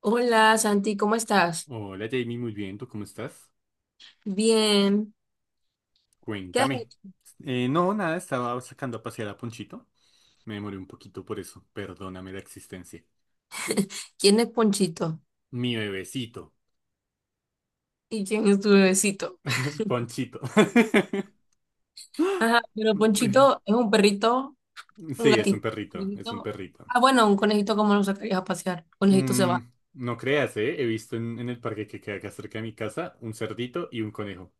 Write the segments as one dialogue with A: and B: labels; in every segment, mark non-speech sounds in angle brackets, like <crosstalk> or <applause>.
A: Hola Santi, ¿cómo estás?
B: Hola Jamie, muy bien, ¿tú cómo estás?
A: Bien. ¿Qué has
B: Cuéntame.
A: hecho?
B: No, nada, estaba sacando a pasear a Ponchito. Me demoré un poquito por eso, perdóname la existencia.
A: ¿Quién es Ponchito?
B: Mi bebecito.
A: ¿Y quién es tu bebecito?
B: <laughs> Ponchito. <laughs>
A: Ajá, pero Ponchito es un perrito, un
B: Sí, es un
A: gatito, un
B: perrito, es un
A: conejito.
B: perrito.
A: Ah, bueno, un conejito, ¿cómo lo sacarías a pasear? Conejito se
B: Mm,
A: va.
B: no creas, ¿eh? He visto en el parque que queda acá cerca de mi casa un cerdito y un conejo.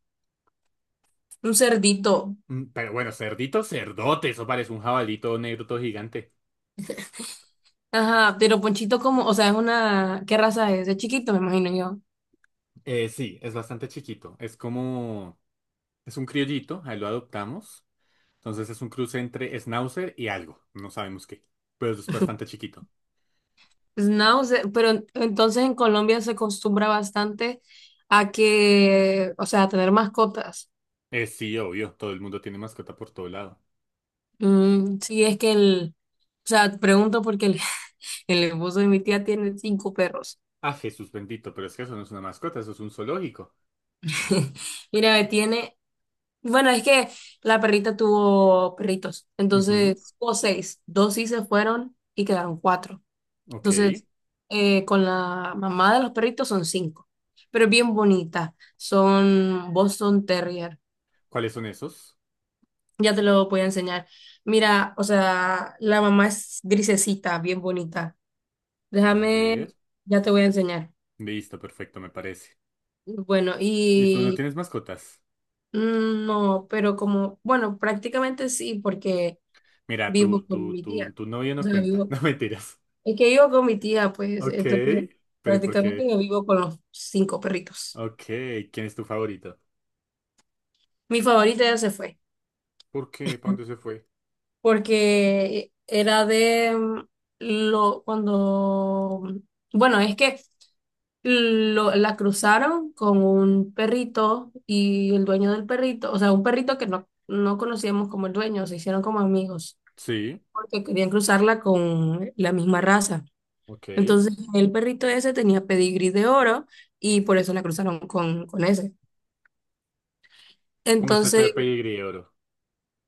A: Un cerdito.
B: Pero bueno, cerdito, cerdote, eso parece un jabalito negro todo gigante.
A: Ajá, pero Ponchito, como, o sea, es una. ¿Qué raza es? Es chiquito, me imagino yo.
B: Sí, es bastante chiquito, es como... Es un criollito, ahí lo adoptamos. Entonces es un cruce entre Schnauzer y algo, no sabemos qué, pero es bastante
A: <laughs>
B: chiquito.
A: Schnauzer, pero entonces en Colombia se acostumbra bastante a que, o sea, a tener mascotas.
B: Sí, obvio, todo el mundo tiene mascota por todo lado.
A: Mm, sí, es que o sea, pregunto porque el <laughs> El esposo de mi tía tiene cinco perros.
B: Ah, Jesús bendito, pero es que eso no es una mascota, eso es un zoológico.
A: <laughs> Mira, tiene. Bueno, es que la perrita tuvo perritos.
B: Ujú,
A: Entonces, o seis. Dos sí se fueron y quedaron cuatro.
B: ok.
A: Entonces, con la mamá de los perritos son cinco. Pero es bien bonita. Son Boston Terrier.
B: ¿Cuáles son esos?
A: Ya te lo voy a enseñar. Mira, o sea, la mamá es grisecita, bien bonita.
B: A
A: Déjame,
B: ver.
A: ya te voy a enseñar.
B: Listo, perfecto, me parece.
A: Bueno,
B: ¿Y tú no tienes mascotas?
A: mm, no, pero como, bueno, prácticamente sí, porque
B: Mira,
A: vivo
B: tu,
A: con
B: tu,
A: mi
B: tu,
A: tía.
B: tu novio
A: O
B: no
A: sea,
B: cuenta. <laughs> No, mentiras.
A: es que vivo con mi tía, pues,
B: Ok.
A: entonces
B: Pero ¿y por
A: prácticamente
B: qué?
A: yo vivo con los cinco perritos.
B: Ok. ¿Quién es tu favorito?
A: Mi favorita ya se fue,
B: ¿Por qué? ¿Para dónde se fue?
A: porque era de bueno, es que la cruzaron con un perrito y el dueño del perrito, o sea, un perrito que no conocíamos como el dueño, se hicieron como amigos.
B: Sí.
A: Porque querían cruzarla con la misma raza.
B: Ok.
A: Entonces, el perrito ese tenía pedigrí de oro y por eso la cruzaron con ese.
B: ¿Cómo está eso
A: Entonces,
B: de pedigrí, oro?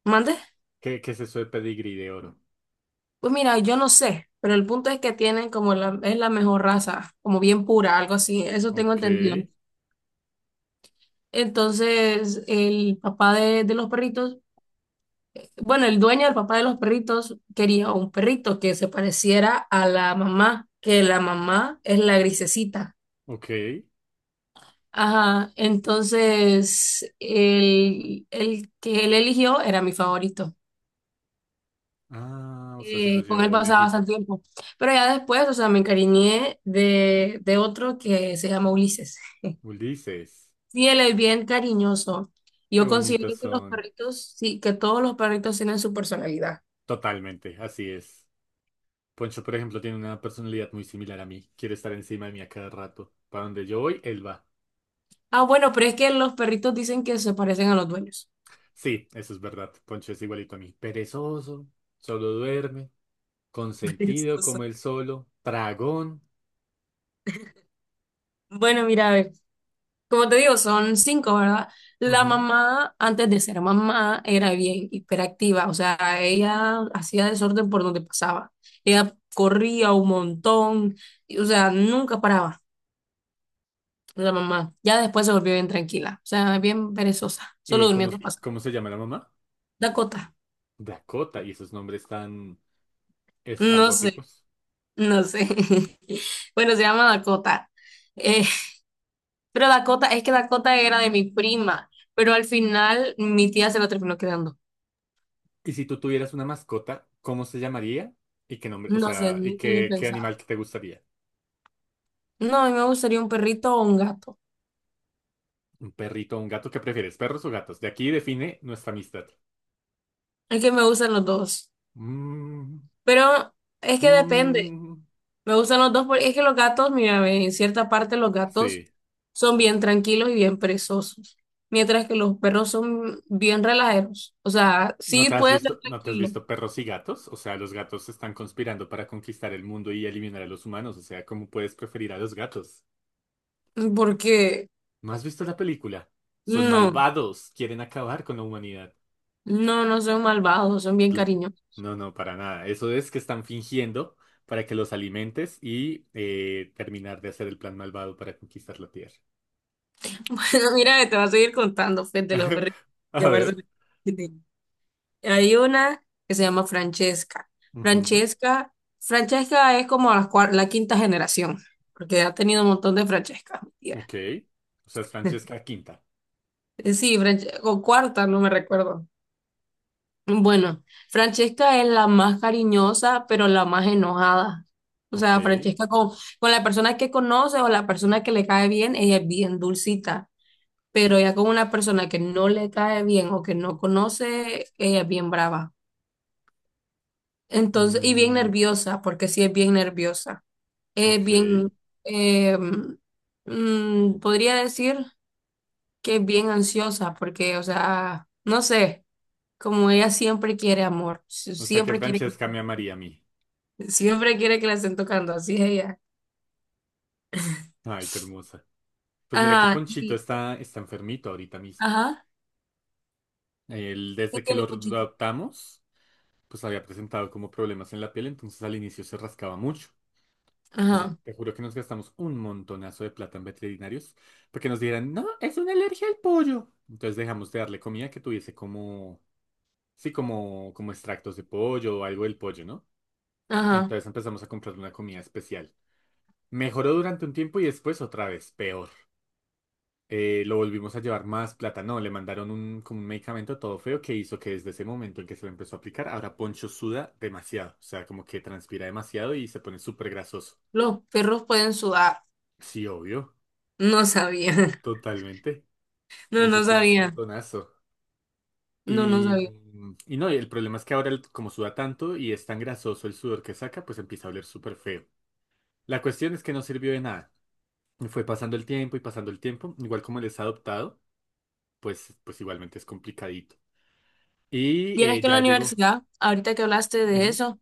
A: ¿mande?
B: ¿Qué es eso de pedigrí de oro?
A: Pues mira, yo no sé, pero el punto es que tienen como es la mejor raza, como bien pura, algo así, eso tengo
B: Ok,
A: entendido. Entonces, el papá de los perritos, bueno, el dueño del papá de los perritos quería un perrito que se pareciera a la mamá, que la mamá es la grisecita.
B: ok.
A: Ajá, entonces el que él eligió era mi favorito.
B: Ah, o sea, se los
A: Con él
B: llevó
A: pasaba
B: legítimo.
A: bastante tiempo. Pero ya después, o sea, me encariñé de otro que se llama Ulises.
B: Ulises,
A: Sí, él es bien cariñoso.
B: qué
A: Yo
B: bonitos
A: considero que los
B: son.
A: perritos, sí, que todos los perritos tienen su personalidad.
B: Totalmente, así es. Poncho, por ejemplo, tiene una personalidad muy similar a mí. Quiere estar encima de mí a cada rato. Para donde yo voy, él va.
A: Ah, bueno, pero es que los perritos dicen que se parecen a los dueños.
B: Sí, eso es verdad. Poncho es igualito a mí. Perezoso, solo duerme,
A: <laughs>
B: consentido
A: Perezoso.
B: como él solo, tragón.
A: Bueno, mira, a ver. Como te digo, son cinco, ¿verdad? La
B: Ujú.
A: mamá, antes de ser mamá, era bien hiperactiva, o sea, ella hacía desorden por donde pasaba. Ella corría un montón, y, o sea, nunca paraba la mamá. Ya después se volvió bien tranquila, o sea, bien perezosa, solo
B: ¿Y cómo,
A: durmiendo pasa.
B: cómo se llama la mamá?
A: Dakota,
B: Dakota. Y esos nombres tan
A: no sé,
B: estrambóticos.
A: no sé. <laughs> Bueno, se llama Dakota. Eh, pero Dakota, es que Dakota era de mi prima, pero al final mi tía se lo terminó quedando.
B: Y si tú tuvieras una mascota, ¿cómo se llamaría? ¿Y qué nombre? O
A: No sé,
B: sea, ¿y
A: nunca lo he
B: qué, qué animal
A: pensado.
B: que te gustaría?
A: No, a mí me gustaría un perrito o un gato.
B: ¿Un perrito o un gato? ¿Qué prefieres? ¿Perros o gatos? De aquí define nuestra amistad.
A: Es que me gustan los dos.
B: Mm,
A: Pero es que depende.
B: mm,
A: Me gustan los dos porque es que los gatos, mira, ve, en cierta parte los gatos
B: sí.
A: son bien tranquilos y bien perezosos. Mientras que los perros son bien relajeros. O sea,
B: ¿No
A: sí
B: te has
A: pueden ser
B: visto, no te has
A: tranquilos.
B: visto perros y gatos? O sea, los gatos están conspirando para conquistar el mundo y eliminar a los humanos. O sea, ¿cómo puedes preferir a los gatos?
A: Porque
B: ¿No has visto la película? Son
A: no,
B: malvados, quieren acabar con la humanidad.
A: no, no son malvados, son bien
B: Cl-
A: cariñosos.
B: No, no, para nada. Eso es que están fingiendo para que los alimentes y terminar de hacer el plan malvado para conquistar la Tierra.
A: <laughs> Bueno, mira, te voy a seguir contando, Fede, de los
B: <laughs>
A: perritos.
B: A
A: Que me
B: ver.
A: Hay una que se llama Francesca.
B: Ujú.
A: Francesca, Francesca es como la quinta generación, porque ha tenido un montón de Francescas, mi tía.
B: Ok. O sea, es Francesca Quinta.
A: Sí, o cuarta, no me recuerdo. Bueno, Francesca es la más cariñosa, pero la más enojada. O
B: Ok.
A: sea, Francesca con la persona que conoce o la persona que le cae bien, ella es bien dulcita, pero ya con una persona que no le cae bien o que no conoce, ella es bien brava. Entonces, y bien
B: Mm,
A: nerviosa, porque sí es bien nerviosa. Es
B: ok.
A: bien, eh, podría decir que es bien ansiosa porque, o sea, no sé, como ella siempre quiere amor,
B: O sea que
A: siempre quiere
B: Francesca me
A: <laughs>
B: amaría a mí.
A: siempre quiere que la estén tocando, así es ella.
B: Ay, qué hermosa. Pues mira que
A: Ajá,
B: Ponchito está, está enfermito ahorita mismo.
A: ajá,
B: Él,
A: ¿qué
B: desde que
A: tiene
B: lo
A: Pochita?
B: adoptamos, pues había presentado como problemas en la piel, entonces al inicio se rascaba mucho. Entonces,
A: Ajá,
B: te juro que nos gastamos un montonazo de plata en veterinarios porque nos dijeran, no, es una alergia al pollo. Entonces dejamos de darle comida que tuviese como, sí, como, como extractos de pollo o algo del pollo, ¿no?
A: ajá,
B: Entonces empezamos a comprarle una comida especial. Mejoró durante un tiempo y después otra vez, peor. Lo volvimos a llevar más plata. No, le mandaron un, como un medicamento todo feo que hizo que desde ese momento en que se lo empezó a aplicar, ahora Poncho suda demasiado. O sea, como que transpira demasiado y se pone súper grasoso.
A: ¿los perros pueden sudar?
B: Sí, obvio,
A: No sabía. <laughs>
B: totalmente.
A: No,
B: Poncho
A: no
B: suda un
A: sabía.
B: montonazo.
A: No, no
B: Y,
A: sabía.
B: y no, y el problema es que ahora, como suda tanto y es tan grasoso el sudor que saca, pues empieza a oler súper feo. La cuestión es que no sirvió de nada. Y fue pasando el tiempo y pasando el tiempo. Igual como él es adoptado, pues, pues igualmente es complicadito. Y
A: Vieras que en la
B: ya llegó.
A: universidad, ahorita que hablaste de
B: Ujú.
A: eso,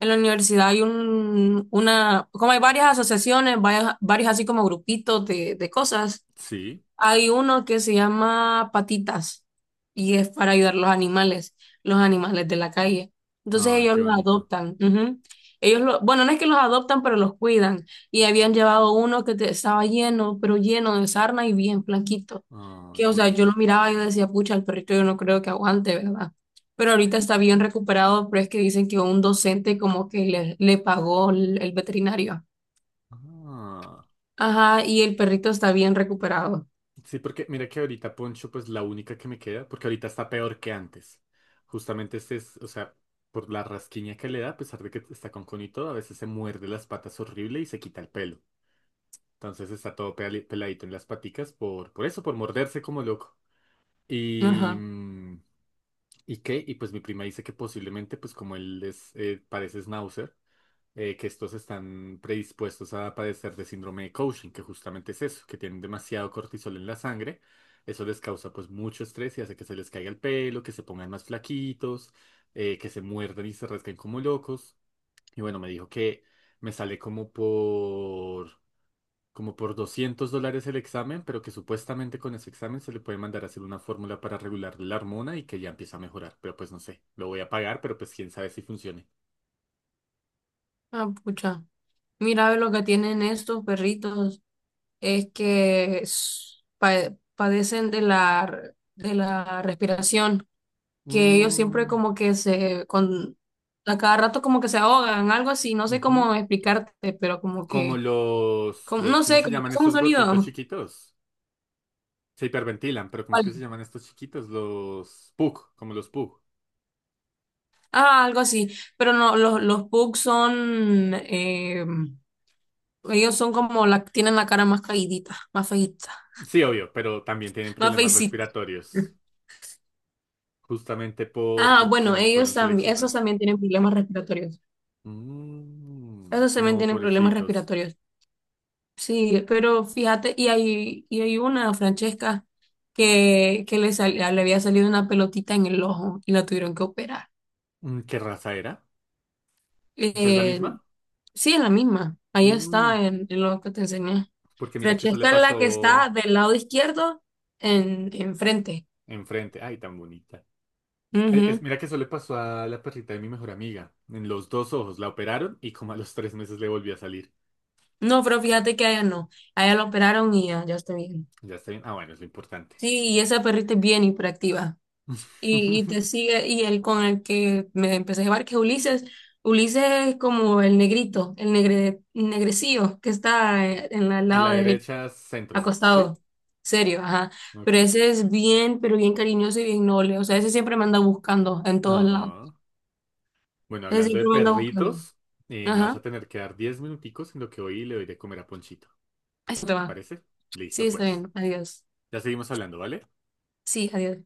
A: en la universidad hay como hay varias asociaciones, varios así como grupitos de cosas.
B: Sí.
A: Hay uno que se llama Patitas y es para ayudar a los animales de la calle. Entonces
B: Ay,
A: ellos
B: qué
A: los
B: bonito.
A: adoptan. Ujú. Ellos lo, bueno, no es que los adoptan, pero los cuidan. Y habían llevado uno que estaba lleno, pero lleno de sarna y bien blanquito.
B: Ay,
A: Que, o sea, yo lo
B: pobrecito.
A: miraba y yo decía, pucha, el perrito yo no creo que aguante, ¿verdad? Pero ahorita está bien recuperado, pero es que dicen que un docente como que le pagó el veterinario.
B: Ah.
A: Ajá, y el perrito está bien recuperado.
B: Sí, porque mira que ahorita Poncho, pues la única que me queda, porque ahorita está peor que antes. Justamente este es, o sea, por la rasquiña que le da, a pesar de que está con conito, a veces se muerde las patas horrible y se quita el pelo. Entonces está todo peladito en las paticas por eso, por morderse como loco. Y,
A: Ajá.
B: ¿y qué? Y pues mi prima dice que posiblemente, pues como él es, parece Schnauzer, que estos están predispuestos a padecer de síndrome de Cushing, que justamente es eso, que tienen demasiado cortisol en la sangre. Eso les causa pues mucho estrés y hace que se les caiga el pelo, que se pongan más flaquitos, que se muerdan y se rasquen como locos. Y bueno, me dijo que me sale como por, como por $200 el examen, pero que supuestamente con ese examen se le puede mandar a hacer una fórmula para regular la hormona y que ya empieza a mejorar. Pero pues no sé, lo voy a pagar, pero pues quién sabe si funcione.
A: Ah, pucha. Mira, lo que tienen estos perritos es que padecen de la respiración, que ellos siempre
B: Mm,
A: como que a cada rato como que se ahogan, algo así, no sé
B: ujú.
A: cómo explicarte, pero como
B: Como
A: que,
B: los,
A: no
B: ¿cómo
A: sé,
B: se
A: como
B: llaman
A: que son un
B: estos gorditos
A: sonido.
B: chiquitos? Se hiperventilan, pero
A: <laughs>
B: ¿cómo es
A: Vale.
B: que se llaman estos chiquitos? Los PUC, como los PUC.
A: Ah, algo así, pero no, los pugs son, ellos son como, la, tienen la cara más caídita, más feíta,
B: Sí, obvio, pero también tienen
A: más
B: problemas
A: feicita.
B: respiratorios, justamente
A: Ah,
B: por
A: bueno,
B: cómo
A: ellos
B: fueron
A: también, esos
B: seleccionados.
A: también tienen problemas respiratorios.
B: Mm,
A: Esos también
B: no,
A: tienen problemas
B: pobrecitos.
A: respiratorios. Sí, pero fíjate, y hay una, Francesca, que le había salido una pelotita en el ojo y la tuvieron que operar.
B: ¿Qué raza era? O sea, ¿es la
A: Eh,
B: misma?
A: sí, es la misma. Ahí está
B: Mm,
A: en lo que te enseñé.
B: porque mira que eso le
A: Francesca es la que está
B: pasó
A: del lado izquierdo enfrente.
B: enfrente. Ay, tan bonita.
A: Ujú.
B: Mira que eso le pasó a la perrita de mi mejor amiga. En los dos ojos la operaron y como a los 3 meses le volvió a salir.
A: No, pero fíjate que a ella no. A ella la operaron y ya, ya está bien.
B: Ya está bien. Ah, bueno, es lo importante.
A: Sí, y esa perrita es bien hiperactiva. Y
B: <laughs>
A: te sigue, y el con el que me empecé a llevar, que es Ulises, Ulises es como el negrito, negrecillo que está en el
B: A la
A: lado derecho,
B: derecha, centro, ¿sí?
A: acostado, serio, ajá, pero
B: Ok.
A: ese es bien, pero bien cariñoso y bien noble, o sea, ese siempre me anda buscando en todos lados,
B: No. Bueno,
A: ese
B: hablando de
A: siempre me anda buscando.
B: perritos, me vas
A: Ajá,
B: a tener que dar 10 minuticos en lo que hoy le doy de comer a Ponchito.
A: eso te
B: ¿Te
A: va,
B: parece?
A: sí,
B: Listo,
A: está
B: pues.
A: bien. Adiós,
B: Ya seguimos hablando, ¿vale?
A: sí, adiós.